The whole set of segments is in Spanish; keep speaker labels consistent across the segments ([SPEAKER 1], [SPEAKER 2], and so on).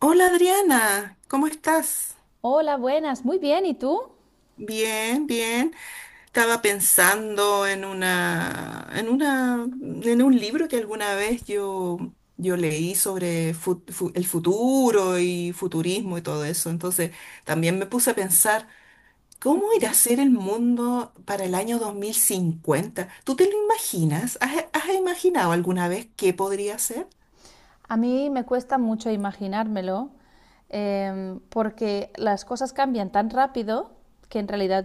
[SPEAKER 1] Hola Adriana, ¿cómo estás?
[SPEAKER 2] Hola, buenas, muy bien, ¿y tú?
[SPEAKER 1] Bien, bien. Estaba pensando en en un libro que alguna vez yo leí sobre el futuro y futurismo y todo eso. Entonces también me puse a pensar, ¿cómo irá a ser el mundo para el año 2050? ¿Tú te lo imaginas? ¿Has imaginado alguna vez qué podría ser?
[SPEAKER 2] A mí me cuesta mucho imaginármelo porque las cosas cambian tan rápido que en realidad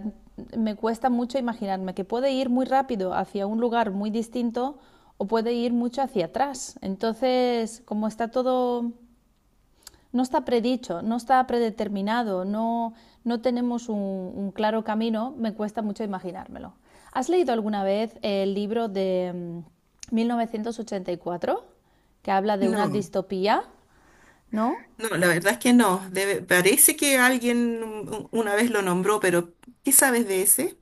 [SPEAKER 2] me cuesta mucho imaginarme que puede ir muy rápido hacia un lugar muy distinto o puede ir mucho hacia atrás. Entonces, como está todo no está predicho, no está predeterminado, no, no tenemos un claro camino, me cuesta mucho imaginármelo. ¿Has leído alguna vez el libro de 1984, que habla de una
[SPEAKER 1] No.
[SPEAKER 2] distopía, ¿no?
[SPEAKER 1] No, la verdad es que no. Parece que alguien una vez lo nombró, pero ¿qué sabes de ese?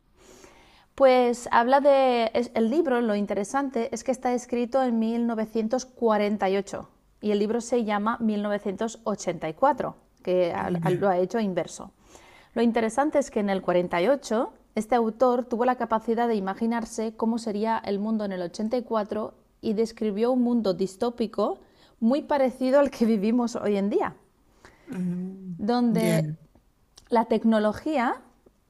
[SPEAKER 2] Pues habla de... el libro, lo interesante es que está escrito en 1948 y ocho y el libro se llama 1984, que lo
[SPEAKER 1] Ya.
[SPEAKER 2] ha hecho inverso. Lo interesante es que en el 48 este autor tuvo la capacidad de imaginarse cómo sería el mundo en el 84 y cuatro y describió un mundo distópico muy parecido al que vivimos hoy en día
[SPEAKER 1] Mm,
[SPEAKER 2] donde
[SPEAKER 1] ya.
[SPEAKER 2] la tecnología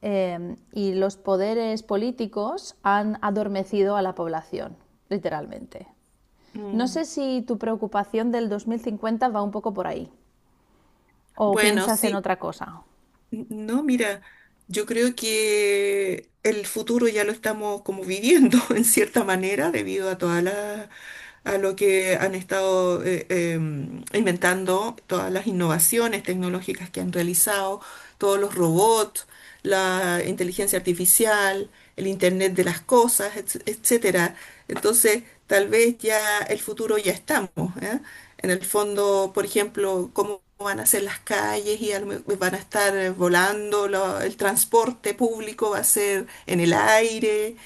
[SPEAKER 2] y los poderes políticos han adormecido a la población, literalmente. No
[SPEAKER 1] Mm.
[SPEAKER 2] sé si tu preocupación del 2050 va un poco por ahí o
[SPEAKER 1] Bueno,
[SPEAKER 2] piensas en
[SPEAKER 1] sí.
[SPEAKER 2] otra cosa.
[SPEAKER 1] No, mira, yo creo que el futuro ya lo estamos como viviendo en cierta manera debido a todas las a lo que han estado inventando, todas las innovaciones tecnológicas que han realizado, todos los robots, la inteligencia artificial, el Internet de las cosas, etcétera. Entonces, tal vez ya el futuro ya estamos, ¿eh? En el fondo, por ejemplo, cómo van a ser las calles y a van a estar volando, el transporte público va a ser en el aire.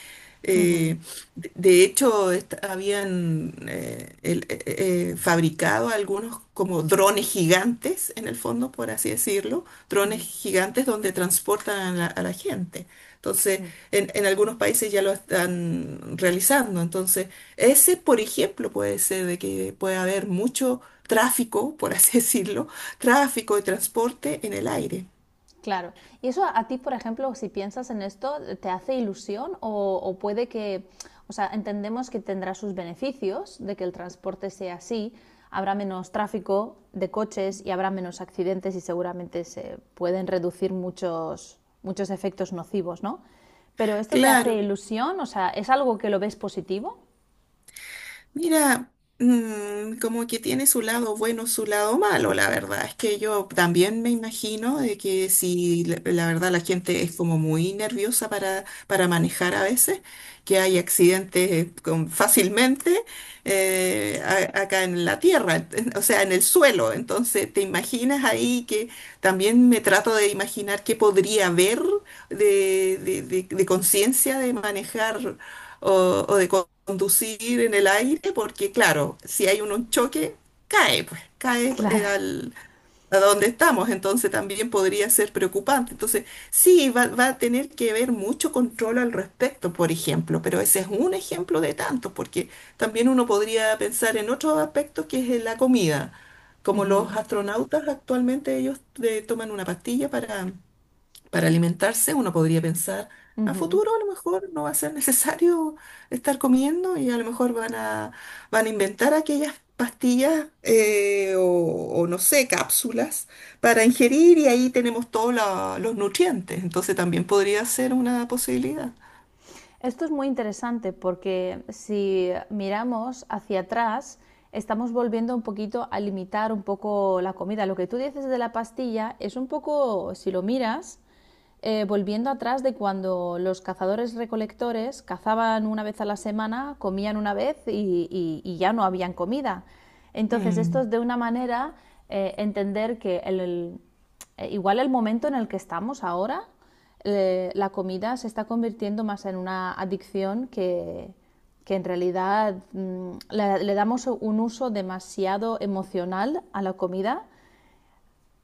[SPEAKER 2] Ujú,
[SPEAKER 1] eh, de hecho, habían fabricado algunos como drones gigantes, en el fondo, por así decirlo, drones
[SPEAKER 2] ujú.
[SPEAKER 1] gigantes donde transportan a la gente. Entonces, en algunos países ya lo están realizando. Entonces, ese, por ejemplo, puede ser de que puede haber mucho tráfico, por así decirlo, tráfico de transporte en el aire.
[SPEAKER 2] Claro. ¿Y eso a ti, por ejemplo, si piensas en esto, te hace ilusión o puede que, o sea, entendemos que tendrá sus beneficios de que el transporte sea así, habrá menos tráfico de coches y habrá menos accidentes y seguramente se pueden reducir muchos, muchos efectos nocivos, ¿no? Pero esto te hace
[SPEAKER 1] Claro.
[SPEAKER 2] ilusión, o sea, ¿es algo que lo ves positivo?
[SPEAKER 1] Mira, mm, como que tiene su lado bueno, su lado malo, la verdad. Es que yo también me imagino de que si la verdad la gente es como muy nerviosa para manejar a veces, que hay accidentes fácilmente acá en la tierra, o sea, en el suelo. Entonces, ¿te imaginas ahí que también me trato de imaginar qué podría haber de conciencia de manejar? O de conducir en el aire, porque claro, si hay un choque, cae pues,
[SPEAKER 2] Claro.
[SPEAKER 1] al, a donde estamos, entonces también podría ser preocupante. Entonces, sí, va a tener que haber mucho control al respecto, por ejemplo, pero ese es un ejemplo de tantos, porque también uno podría pensar en otros aspectos que es en la comida. Como los astronautas actualmente ellos toman una pastilla para alimentarse, uno podría pensar, a
[SPEAKER 2] Ujú.
[SPEAKER 1] futuro a lo mejor no va a ser necesario estar comiendo y a lo mejor van a inventar aquellas pastillas o no sé, cápsulas para ingerir y ahí tenemos todos los nutrientes. Entonces también podría ser una posibilidad.
[SPEAKER 2] Esto es muy interesante porque si miramos hacia atrás, estamos volviendo un poquito a limitar un poco la comida. Lo que tú dices de la pastilla es un poco, si lo miras, volviendo atrás de cuando los cazadores recolectores cazaban una vez a la semana, comían una vez y ya no habían comida. Entonces, esto
[SPEAKER 1] Mm,
[SPEAKER 2] es de una manera entender que igual el momento en el que estamos ahora la comida se está convirtiendo más en una adicción que en realidad le damos un uso demasiado emocional a la comida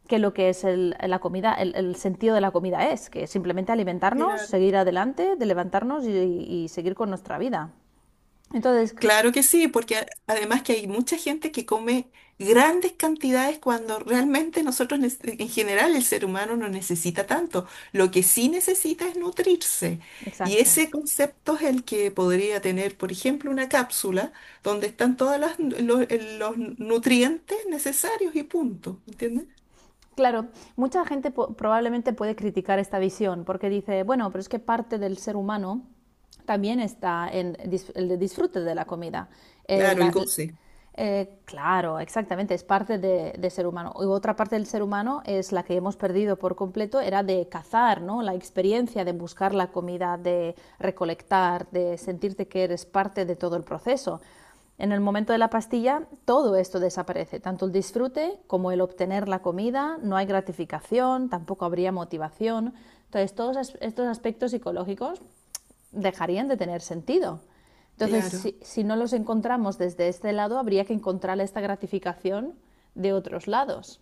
[SPEAKER 2] que lo que es la comida, el sentido de la comida es, que es simplemente alimentarnos,
[SPEAKER 1] claro.
[SPEAKER 2] seguir adelante, de levantarnos y seguir con nuestra vida. Entonces,
[SPEAKER 1] Claro que sí, porque además que hay mucha gente que come grandes cantidades cuando realmente en general, el ser humano no necesita tanto. Lo que sí necesita es nutrirse. Y
[SPEAKER 2] exacto.
[SPEAKER 1] ese concepto es el que podría tener, por ejemplo, una cápsula donde están todos los nutrientes necesarios y punto. ¿Entiendes?
[SPEAKER 2] Claro, mucha gente probablemente puede criticar esta visión porque dice, bueno, pero es que parte del ser humano también está en el disfrute de la comida. El-
[SPEAKER 1] Claro, el
[SPEAKER 2] la- l-
[SPEAKER 1] goce.
[SPEAKER 2] claro, exactamente, es parte de ser humano. Y otra parte del ser humano es la que hemos perdido por completo, era de cazar, ¿no? La experiencia de buscar la comida, de recolectar, de sentirte que eres parte de todo el proceso. En el momento de la pastilla, todo esto desaparece, tanto el disfrute como el obtener la comida, no hay gratificación, tampoco habría motivación. Entonces, todos estos aspectos psicológicos dejarían de tener sentido. Entonces,
[SPEAKER 1] Claro.
[SPEAKER 2] si no los encontramos desde este lado, habría que encontrar esta gratificación de otros lados.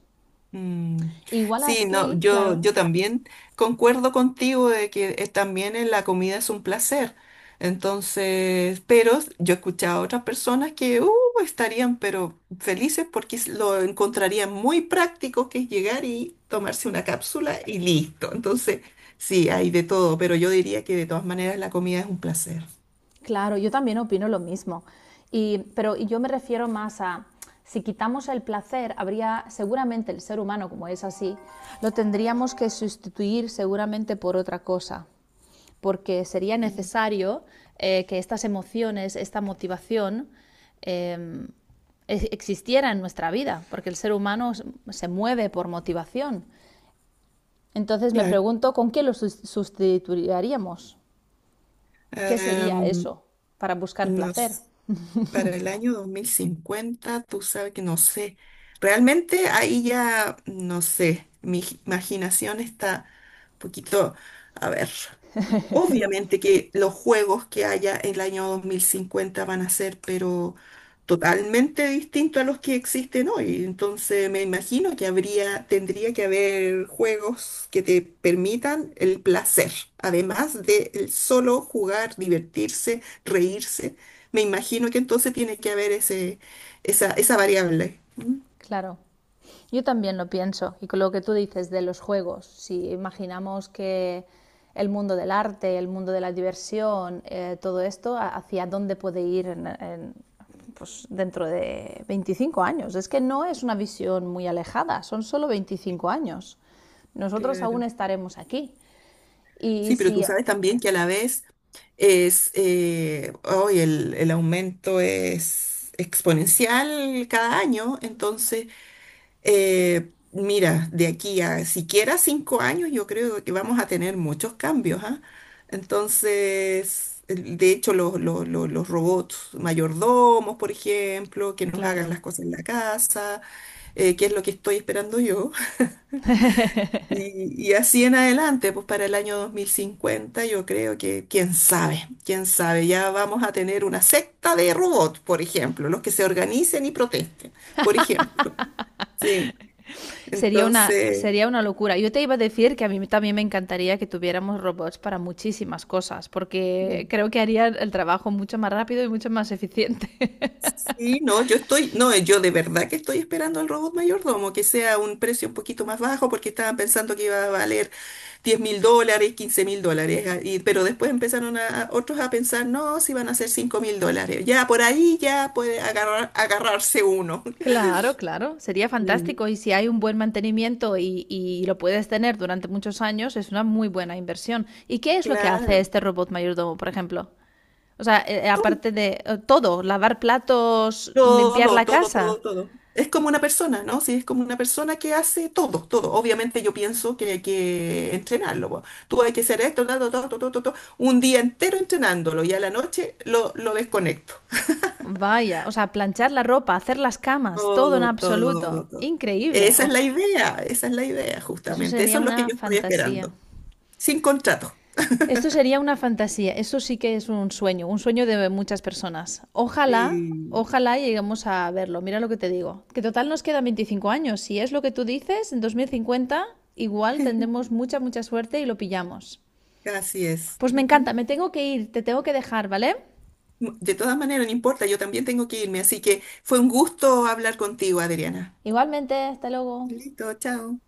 [SPEAKER 1] Mm,
[SPEAKER 2] Igual
[SPEAKER 1] sí, no,
[SPEAKER 2] así, claro.
[SPEAKER 1] yo también concuerdo contigo de que también en la comida es un placer. Entonces, pero yo he escuchado a otras personas que estarían pero felices porque lo encontrarían muy práctico que es llegar y tomarse una cápsula y listo. Entonces, sí, hay de todo, pero yo diría que de todas maneras la comida es un placer.
[SPEAKER 2] Claro, yo también opino lo mismo. Y, pero yo me refiero más a, si quitamos el placer, habría seguramente el ser humano, como es así, lo tendríamos que sustituir seguramente por otra cosa, porque sería
[SPEAKER 1] Mm,
[SPEAKER 2] necesario que estas emociones, esta motivación, eh, existiera en nuestra vida, porque el ser humano se mueve por motivación. Entonces me
[SPEAKER 1] claro.
[SPEAKER 2] pregunto, ¿con qué lo sustituiríamos? ¿Qué sería
[SPEAKER 1] Em,
[SPEAKER 2] eso para buscar
[SPEAKER 1] no
[SPEAKER 2] placer?
[SPEAKER 1] sé. Para el año 2050, tú sabes que no sé. Realmente ahí ya, no sé, mi imaginación está un poquito, a ver. Obviamente que los juegos que haya en el año 2050 van a ser, pero totalmente distintos a los que existen hoy. Entonces me imagino que habría, tendría que haber juegos que te permitan el placer, además de el solo jugar, divertirse, reírse. Me imagino que entonces tiene que haber ese, esa variable. ¿Mm?
[SPEAKER 2] Claro, yo también lo pienso. Y con lo que tú dices de los juegos, si imaginamos que el mundo del arte, el mundo de la diversión, todo esto, ¿hacia dónde puede ir en, pues, dentro de 25 años? Es que no es una visión muy alejada, son solo 25 años. Nosotros aún
[SPEAKER 1] Claro.
[SPEAKER 2] estaremos aquí. Y
[SPEAKER 1] Sí, pero tú
[SPEAKER 2] si...
[SPEAKER 1] sabes también que a la vez es, hoy el aumento es exponencial cada año, entonces, mira, de aquí a siquiera 5 años yo creo que vamos a tener muchos cambios, ¿ah? Entonces, de hecho, los robots mayordomos, por ejemplo, que nos hagan
[SPEAKER 2] Claro.
[SPEAKER 1] las cosas en la casa, que es lo que estoy esperando yo. Y así en adelante, pues para el año 2050 yo creo que, quién sabe, ya vamos a tener una secta de robots, por ejemplo, los que se organicen y protesten, por ejemplo. Sí, entonces,
[SPEAKER 2] Sería una locura. Yo te iba a decir que a mí también me encantaría que tuviéramos robots para muchísimas cosas, porque
[SPEAKER 1] mm,
[SPEAKER 2] creo que harían el trabajo mucho más rápido y mucho más eficiente.
[SPEAKER 1] sí, no, yo de verdad que estoy esperando al robot mayordomo, que sea un precio un poquito más bajo, porque estaban pensando que iba a valer $10.000, $15.000, ah, pero después empezaron otros a pensar, no, si van a ser $5.000, ya por ahí ya puede agarrarse uno.
[SPEAKER 2] Claro, claro, sería fantástico
[SPEAKER 1] Mm,
[SPEAKER 2] y si hay un buen mantenimiento y lo puedes tener durante muchos años, es una muy buena inversión. ¿Y qué es lo que hace
[SPEAKER 1] claro,
[SPEAKER 2] este robot mayordomo, por ejemplo? O sea,
[SPEAKER 1] todo,
[SPEAKER 2] aparte de todo, lavar platos, limpiar
[SPEAKER 1] todo,
[SPEAKER 2] la
[SPEAKER 1] todo,
[SPEAKER 2] casa,
[SPEAKER 1] todo, todo. Es como una persona, ¿no? Sí, es como una persona que hace todo, todo. Obviamente yo pienso que hay que entrenarlo, po. Tú hay que hacer esto, todo, todo, todo, todo, todo, un día entero entrenándolo y a la noche lo desconecto.
[SPEAKER 2] vaya, o sea, planchar la ropa, hacer las camas, todo en
[SPEAKER 1] Todo,
[SPEAKER 2] absoluto.
[SPEAKER 1] todo, todo.
[SPEAKER 2] Increíble.
[SPEAKER 1] Esa
[SPEAKER 2] O
[SPEAKER 1] es la
[SPEAKER 2] sea,
[SPEAKER 1] idea, esa es la idea,
[SPEAKER 2] eso
[SPEAKER 1] justamente. Eso
[SPEAKER 2] sería
[SPEAKER 1] es lo que
[SPEAKER 2] una
[SPEAKER 1] yo estoy
[SPEAKER 2] fantasía.
[SPEAKER 1] esperando. Sin contrato.
[SPEAKER 2] Esto sería una fantasía, eso sí que es un sueño de muchas personas. Ojalá,
[SPEAKER 1] Sí,
[SPEAKER 2] ojalá lleguemos a verlo, mira lo que te digo. Que total nos quedan 25 años, si es lo que tú dices, en 2050 igual tendremos mucha, mucha suerte y lo pillamos.
[SPEAKER 1] así es.
[SPEAKER 2] Pues me encanta,
[SPEAKER 1] Ujú.
[SPEAKER 2] me tengo que ir, te tengo que dejar, ¿vale?
[SPEAKER 1] De todas maneras, no importa, yo también tengo que irme, así que fue un gusto hablar contigo, Adriana.
[SPEAKER 2] Igualmente, hasta luego.
[SPEAKER 1] Listo, chao.